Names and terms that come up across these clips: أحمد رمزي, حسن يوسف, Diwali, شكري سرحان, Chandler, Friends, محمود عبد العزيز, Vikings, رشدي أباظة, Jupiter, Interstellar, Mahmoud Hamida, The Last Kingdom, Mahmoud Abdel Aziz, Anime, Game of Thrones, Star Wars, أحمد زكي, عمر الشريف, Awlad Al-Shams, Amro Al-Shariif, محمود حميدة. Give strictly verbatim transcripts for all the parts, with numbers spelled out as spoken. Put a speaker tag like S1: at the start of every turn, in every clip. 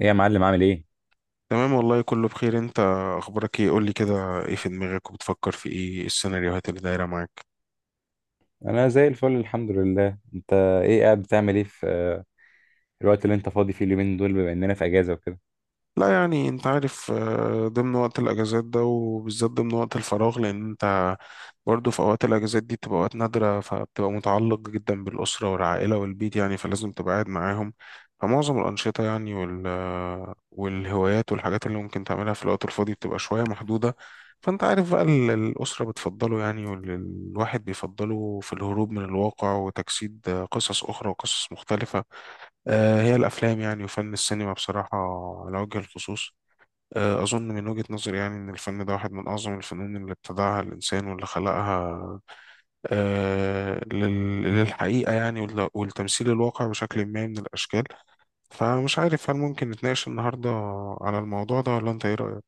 S1: ايه يا معلم عامل ايه؟
S2: تمام والله، كله بخير. انت اخبارك ايه؟ قول لي كده، ايه في دماغك؟ وبتفكر في ايه؟ السيناريوهات اللي دايره معاك.
S1: انا زي الفل، الحمد لله. انت ايه قاعد بتعمل ايه في آه، الوقت اللي انت فاضي فيه اليومين دول، بما اننا في اجازه وكده؟
S2: لا يعني انت عارف، آه، ضمن وقت الاجازات ده، وبالذات ضمن وقت الفراغ، لان انت برضه في اوقات الاجازات دي بتبقى اوقات نادره، فبتبقى متعلق جدا بالاسره والعائله والبيت يعني، فلازم تبقى قاعد معاهم. فمعظم الانشطه يعني وال آه، والهوايات والحاجات اللي ممكن تعملها في الوقت الفاضي بتبقى شويه محدوده. فانت عارف بقى ال- الاسره بتفضله يعني، والواحد بيفضله في الهروب من الواقع وتجسيد آه، قصص اخرى وقصص مختلفه. آه، هي الأفلام يعني، وفن السينما بصراحة على وجه الخصوص. آه، أظن من وجهة نظري يعني إن الفن ده واحد من أعظم الفنون اللي ابتدعها الإنسان واللي خلقها، آه، لل- للحقيقة يعني وال- والتمثيل الواقع بشكل ما من الأشكال. فمش عارف، هل ممكن نتناقش النهاردة على الموضوع ده، ولا أنت إيه رأيك؟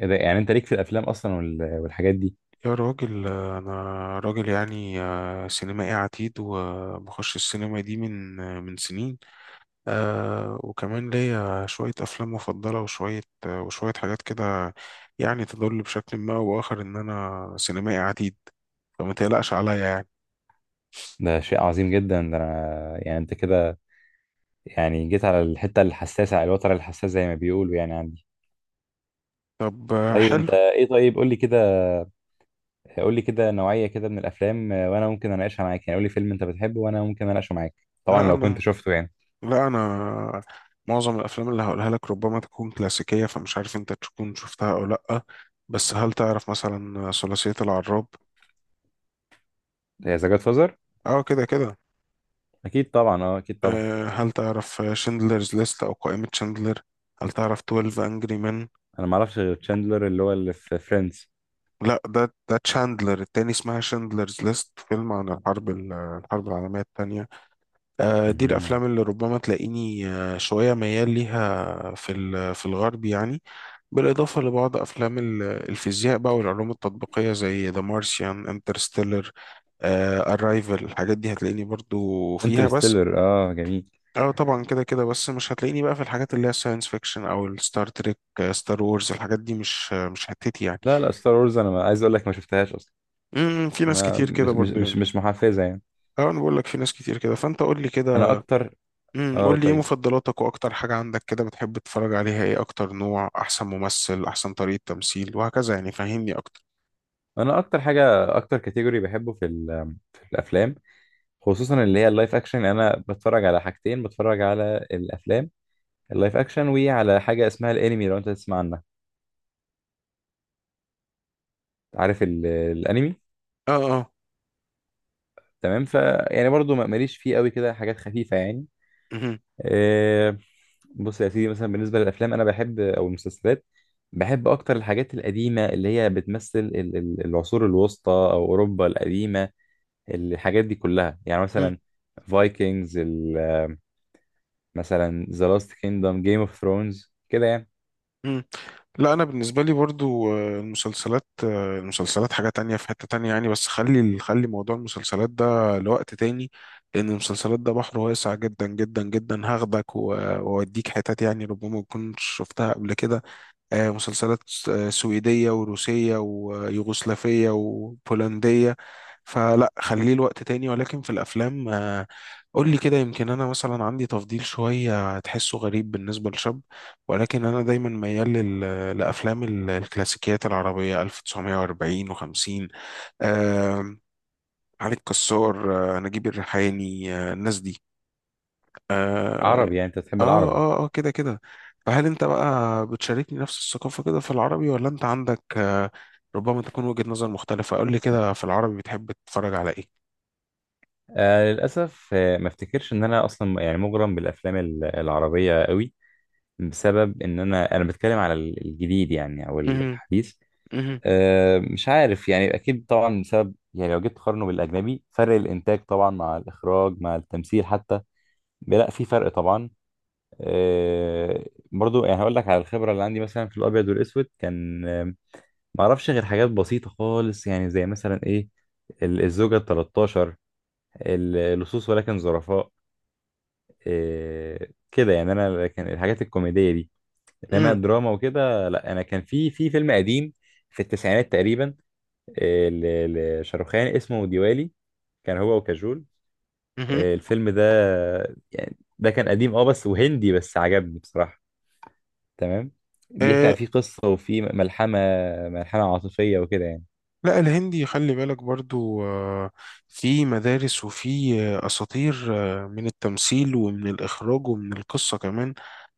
S1: ايه ده؟ يعني انت ليك في الافلام اصلا وال- والحاجات دي؟
S2: يا راجل، آه، أنا راجل يعني، آه، سينمائي عتيد، وبخش السينما دي من آه، من سنين. آه وكمان ليا شوية أفلام مفضلة، وشوية آه وشوية حاجات كده، يعني تدل بشكل ما أو بآخر إن أنا سينمائي عديد. فما تقلقش عليا يعني.
S1: ده شيء عظيم جدا ده. انا يعني انت كده يعني جيت على الحته الحساسه، على الوتر الحساس زي ما بيقولوا، يعني عندي.
S2: طب آه
S1: طيب
S2: حلو.
S1: انت ايه؟ طيب قول لي كده، قول لي كده نوعيه كده من الافلام، آه، وانا ممكن اناقشها معاك. يعني قول لي فيلم انت بتحبه وانا ممكن اناقشه معاك، طبعا
S2: لا
S1: لو كنت
S2: أنا
S1: شفته يعني.
S2: لا أنا معظم الأفلام اللي هقولها لك ربما تكون كلاسيكية، فمش عارف أنت تكون شفتها أو لأ. بس هل تعرف مثلا ثلاثية العراب؟
S1: ذا جاد فازر،
S2: أه كده كده.
S1: اكيد طبعا، اه اكيد طبعا.
S2: آه، هل تعرف شندلرز ليست أو قائمة شندلر؟ هل تعرف اتناشر أنجري مان؟
S1: انا ما اعرفش غير تشاندلر اللي هو اللي في فريندز.
S2: لا، ده ده تشاندلر التاني، اسمها شاندلرز ليست، فيلم عن الحرب ال- الحرب العالمية التانية. آه، دي الأفلام اللي ربما تلاقيني آه، شوية ميال ليها في ال- في الغرب يعني. بالإضافة لبعض أفلام ال- الفيزياء بقى، والعلوم التطبيقية، زي ذا مارسيان، انترستيلر، أرايفل. الحاجات دي هتلاقيني برضو فيها بس.
S1: انترستيلر، اه جميل.
S2: اه طبعا كده كده. بس مش هتلاقيني بقى في الحاجات اللي هي ساينس فيكشن، او الستار تريك، ستار وورز. الحاجات دي مش مش حتتي يعني.
S1: لا لا، ستار وورز انا ما عايز اقول لك ما شفتهاش اصلا.
S2: امم في ناس
S1: ما
S2: كتير كده
S1: مش مش
S2: برضو
S1: مش
S2: يعني.
S1: مش محفزه يعني.
S2: اه، انا بقول لك في ناس كتير كده، فانت قول لي
S1: انا
S2: كده.
S1: اكتر،
S2: امم
S1: اه
S2: قول لي ايه
S1: طيب،
S2: مفضلاتك، واكتر حاجه عندك كده بتحب تتفرج عليها ايه، اكتر نوع، احسن ممثل، احسن طريقه تمثيل، وهكذا يعني. فهمني اكتر.
S1: انا اكتر حاجه، اكتر كاتيجوري بحبه في ال... في الافلام، خصوصا اللي هي اللايف اكشن. انا بتفرج على حاجتين، بتفرج على الافلام اللايف اكشن، وعلى حاجه اسمها الانمي لو انت تسمع عنها. عارف ال... الانمي؟
S2: اه اه.
S1: تمام، ف يعني برضو ما- ماليش فيه قوي كده، حاجات خفيفه يعني.
S2: مهم.
S1: آه، بص يا سيدي، مثلا بالنسبة للأفلام أنا بحب أو المسلسلات، بحب أكتر الحاجات القديمة اللي هي بتمثل ال- ال- العصور الوسطى أو أوروبا القديمة، الحاجات دي كلها يعني.
S2: مم.
S1: مثلا فايكنجز، مثلا ذا لاست كيندم، جيم اوف ثرونز، كده يعني.
S2: مم. لا انا بالنسبه لي برضو، آه، المسلسلات آه، المسلسلات حاجه تانية في حته تانية يعني. بس خلي خلي موضوع المسلسلات ده لوقت تاني، لان المسلسلات ده بحر واسع جدا جدا جدا، هاخدك و- واوديك حتت يعني ربما ما تكونش شفتها قبل كده. آه، مسلسلات آه، سويدية وروسية ويوغوسلافية وبولندية. فلا خليه الوقت تاني. ولكن في الأفلام، آه، قول لي كده، يمكن أنا مثلا عندي تفضيل شوية تحسه غريب بالنسبة لشاب، ولكن أنا دايما ميال لل- لأفلام ال- الكلاسيكيات العربية ألف وتسعمية وأربعين و50، علي الكسار، آه، نجيب الريحاني، آه، الناس دي. آه،
S1: عربي؟ يعني أنت بتحب
S2: اه
S1: العربي؟
S2: اه اه كده كده. فهل انت بقى بتشاركني نفس الثقافة كده في العربي، ولا انت عندك، آه، ربما تكون وجهة نظر مختلفة. قول لي كده في العربي بتحب تتفرج على ايه؟
S1: آه للأسف، آه ما افتكرش إن أنا أصلا يعني مغرم بالأفلام ال- العربية قوي، بسبب إن أنا، أنا بتكلم على ال- الجديد يعني أو
S2: مهم.
S1: الحديث.
S2: مهم.
S1: أه مش عارف، يعني اكيد طبعا بسبب يعني لو جيت تقارنه بالاجنبي، فرق الانتاج طبعا، مع الاخراج، مع التمثيل حتى، لا في فرق طبعا. أه، برضو يعني هقول لك على الخبره اللي عندي، مثلا في الابيض والاسود كان آم، ما اعرفش غير حاجات بسيطه خالص يعني، زي مثلا ايه، ال- الزوجه ال تلتاشر، ال- لصوص ولكن ظرفاء، أه كده يعني، انا كان الحاجات الكوميديه دي. انما
S2: مهم.
S1: الدراما وكده لا، انا كان في في فيلم قديم، في التسعينات تقريبا، آه، ل- لشاروخان اسمه ديوالي، كان هو وكاجول.
S2: مهم.
S1: آه، الفيلم ده يعني، ده كان قديم اه بس، وهندي بس عجبني بصراحة، تمام. بيحكي عن،
S2: آه،
S1: فيه قصة وفيه ملحمة، ملحمة عاطفية وكده يعني.
S2: لا الهندي، خلي بالك برضو، آه، في مدارس، وفي آه، أساطير، آه، من التمثيل، ومن الإخراج، ومن القصة كمان.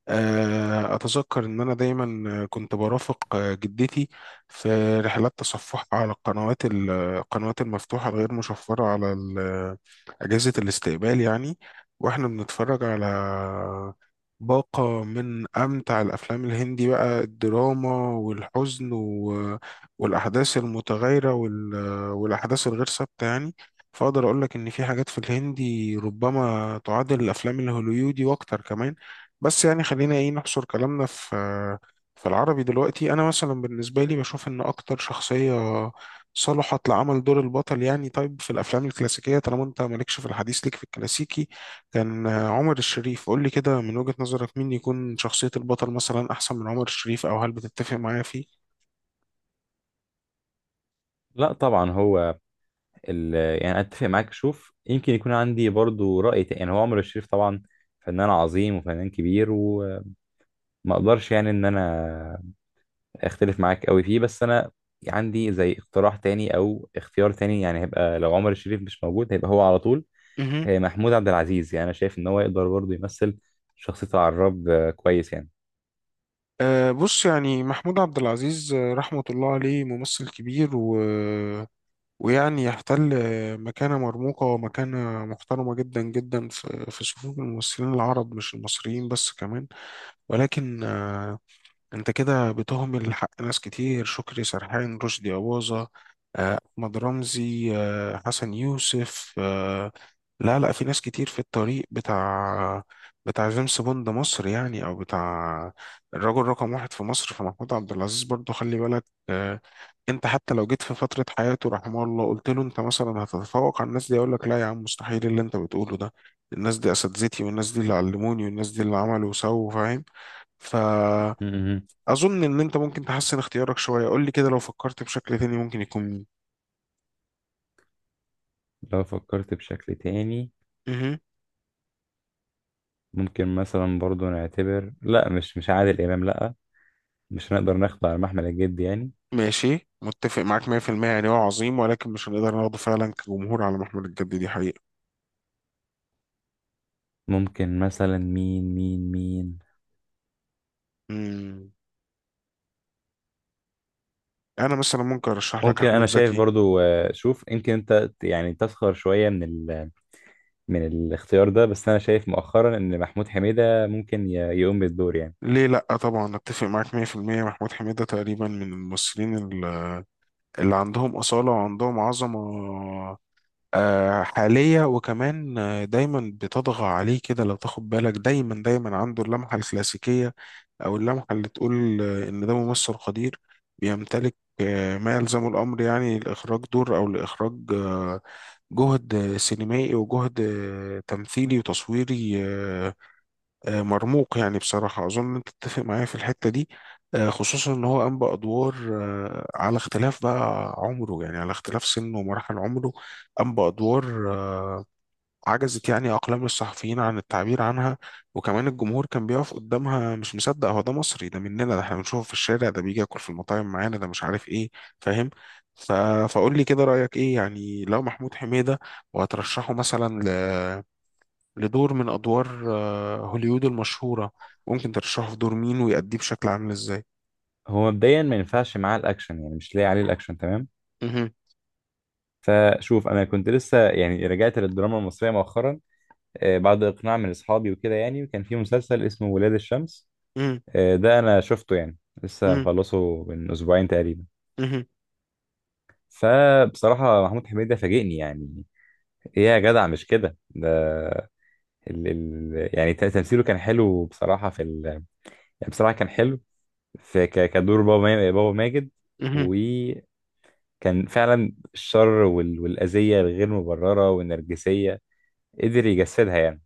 S2: آه، أتذكر إن أنا دايما كنت برافق آه، جدتي في رحلات تصفحها على القنوات ال- القنوات المفتوحة الغير مشفرة على ال- أجهزة الاستقبال يعني. وإحنا بنتفرج على باقة من أمتع الأفلام الهندي بقى، الدراما والحزن و- والأحداث المتغيرة وال- والأحداث الغير ثابتة يعني. فأقدر أقول لك إن في حاجات في الهندي ربما تعادل الأفلام الهوليودي وأكتر كمان. بس يعني خلينا ايه نحصر كلامنا في في العربي دلوقتي. انا مثلا بالنسبه لي بشوف ان اكتر شخصيه صلحت لعمل دور البطل يعني، طيب في الافلام الكلاسيكيه طالما انت مالكش في الحديث، ليك في الكلاسيكي، كان عمر الشريف. قول لي كده من وجهه نظرك مين يكون شخصيه البطل مثلا احسن من عمر الشريف، او هل بتتفق معايا فيه؟
S1: لا طبعا هو ال... يعني اتفق معاك. شوف، يمكن يكون عندي برضو رأي تاني. يعني هو عمرو الشريف طبعا فنان عظيم وفنان كبير، وما اقدرش يعني ان انا اختلف معاك قوي فيه، بس انا عندي زي اقتراح تاني او اختيار تاني، يعني هيبقى لو عمر الشريف مش موجود هيبقى هو على طول،
S2: مهم.
S1: هي محمود عبد العزيز. يعني انا شايف ان هو يقدر برضه يمثل شخصية العراب آه، كويس يعني.
S2: أه بص، يعني محمود عبد العزيز، آه، رحمة الله عليه، ممثل كبير، و ويعني يحتل مكانة مرموقة ومكانة محترمة جدا جدا في في صفوف الممثلين العرب، مش المصريين بس، كمان. ولكن انت كده بتهمل حق ناس كتير: شكري سرحان، رشدي أباظة، آه، أحمد رمزي، آه، حسن يوسف. آه، لا لا، في ناس كتير في الطريق بتاع بتاع جيمس بوند مصر يعني، أو بتاع الرجل رقم واحد في مصر، في محمود عبد العزيز برضه، خلي بالك. آه، انت حتى لو جيت في فترة حياته رحمه الله قلت له انت مثلا هتتفوق على الناس دي، يقول لك لا يا عم، مستحيل اللي انت بتقوله ده، الناس دي اساتذتي، والناس دي اللي علموني، والناس دي اللي عملوا وسووا، فاهم. ف
S1: مهم.
S2: اظن ان انت ممكن تحسن اختيارك شويه. قول لي كده، لو فكرت بشكل تاني، ممكن يكون مين؟
S1: لو فكرت بشكل تاني،
S2: مهم.
S1: ممكن مثلا برضه نعتبر، لا مش مش عادل امام لا، مش هنقدر ناخده على محمل الجد يعني.
S2: ماشي، متفق معاك مية في المية، يعني هو عظيم، ولكن مش هنقدر ناخده فعلا كجمهور على محمل الجد، دي حقيقه.
S1: ممكن مثلا مين مين مين؟
S2: مم. انا مثلا ممكن ارشح لك
S1: ممكن، انا
S2: احمد
S1: شايف
S2: زكي.
S1: برضو، آه، شوف يمكن انت يعني تسخر شوية من ال من الاختيار ده، بس انا شايف مؤخرا ان محمود حميدة ممكن ي- يقوم بالدور يعني.
S2: ليه لا، طبعا اتفق معاك مية في المية. محمود حميده تقريبا من الممثلين ال- اللي عندهم اصاله وعندهم عظمه، آه، حاليه. وكمان آه، دايما بتطغى عليه كده لو تاخد بالك، دايما دايما عنده اللمحه الكلاسيكيه، أو اللمحة اللي تقول آه، إن ده ممثل قدير، بيمتلك آه، ما يلزم الأمر يعني، لإخراج دور، أو لإخراج آه، جهد سينمائي، وجهد آه، تمثيلي وتصويري، آه، آه، مرموق يعني بصراحة. أظن أنت تتفق معايا في الحتة دي. آه، خصوصا إن هو قام بأدوار آه، على اختلاف بقى عمره، يعني على اختلاف سنه ومراحل عمره، قام بأدوار عجزت يعني أقلام الصحفيين عن التعبير عنها، وكمان الجمهور كان بيقف قدامها مش مصدق، هو ده مصري؟ ده مننا؟ ده احنا بنشوفه في الشارع؟ ده بيجي ياكل في المطاعم معانا؟ ده مش عارف ايه. فاهم. ف... فقول لي كده رأيك ايه يعني، لو محمود حميدة وهترشحه مثلا ل... لدور من أدوار آه، هوليوود المشهورة، ممكن ترشحه في دور مين، ويأديه بشكل عامل ازاي؟
S1: هو مبدئيا ما ينفعش معاه الاكشن يعني، مش لاقي عليه الاكشن، تمام.
S2: مهم.
S1: فشوف، انا كنت لسه يعني رجعت للدراما المصرية مؤخرا، آه، بعد اقناع من اصحابي وكده يعني، وكان في مسلسل اسمه ولاد الشمس.
S2: مهم.
S1: آه، ده انا شفته يعني، لسه
S2: مهم.
S1: مخلصه من اسبوعين تقريبا.
S2: مهم.
S1: فبصراحة محمود حميدة فاجئني يعني، ايه يا جدع مش كده ده! ال ال يعني ت- تمثيله كان حلو بصراحة في ال يعني بصراحة كان حلو في ك- كدور بابا، ما- بابا ماجد.
S2: مهم.
S1: وكان فعلا الشر وال- والأذية الغير مبررة والنرجسية قدر يجسدها يعني.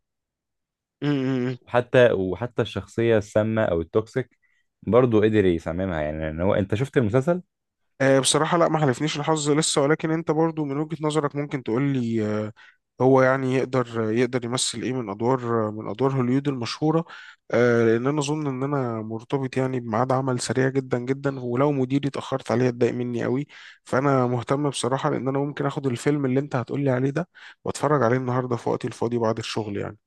S2: مهم.
S1: وحتى وحتى الشخصية السامة أو التوكسيك برضه قدر يصممها يعني، لأن هو، أنت شفت المسلسل؟
S2: آه، بصراحة لا، ما حالفنيش الحظ لسه. ولكن انت برضو من وجهة نظرك ممكن تقول لي آه، هو يعني يقدر يقدر يمثل ايه من ادوار، من ادوار هوليوود المشهورة؟ آه، لان انا اظن ان انا مرتبط يعني بميعاد عمل، سريع جدا جدا، ولو مديري اتأخرت عليه اتضايق مني قوي. فانا مهتم بصراحة، لان انا ممكن اخد الفيلم اللي انت هتقول لي عليه ده، واتفرج عليه النهاردة في وقتي الفاضي بعد الشغل يعني.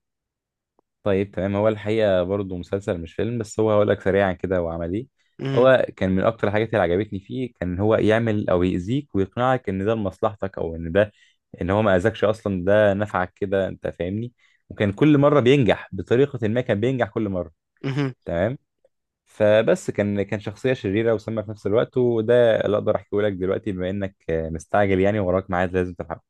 S1: طيب تمام، هو الحقيقة برضه مسلسل مش فيلم، بس هو هقول لك سريعا كده هو عمل إيه.
S2: مهم.
S1: هو كان من أكتر الحاجات اللي عجبتني فيه، كان هو يعمل أو يأذيك ويقنعك إن ده لمصلحتك أو إن ده، ان هو ما اذاكش اصلا ده نفعك كده، انت فاهمني؟ وكان كل مره بينجح بطريقه ما، كان بينجح كل مره،
S2: مهم.
S1: تمام. فبس كان، كان شخصيه شريره وسامه في نفس الوقت، وده اللي اقدر احكيه لك دلوقتي بما انك آه، مستعجل يعني، وراك ميعاد لازم تلحقه.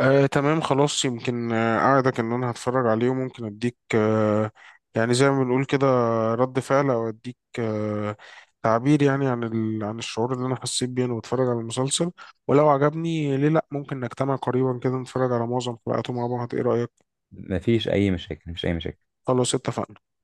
S2: آه، تمام خلاص، يمكن آه، أعدك إن أنا هتفرج عليه، وممكن أديك آه، يعني زي ما بنقول كده، رد فعل، أو أديك آه، تعبير يعني عن ال... عن الشعور اللي أنا حسيت بيه وأنا بتفرج على المسلسل. ولو عجبني، ليه لأ، ممكن نجتمع قريبا كده نتفرج على معظم حلقاته مع بعض، إيه رأيك؟
S1: مفيش اي مشاكل، مفيش اي مشاكل.
S2: خلاص اتفقنا.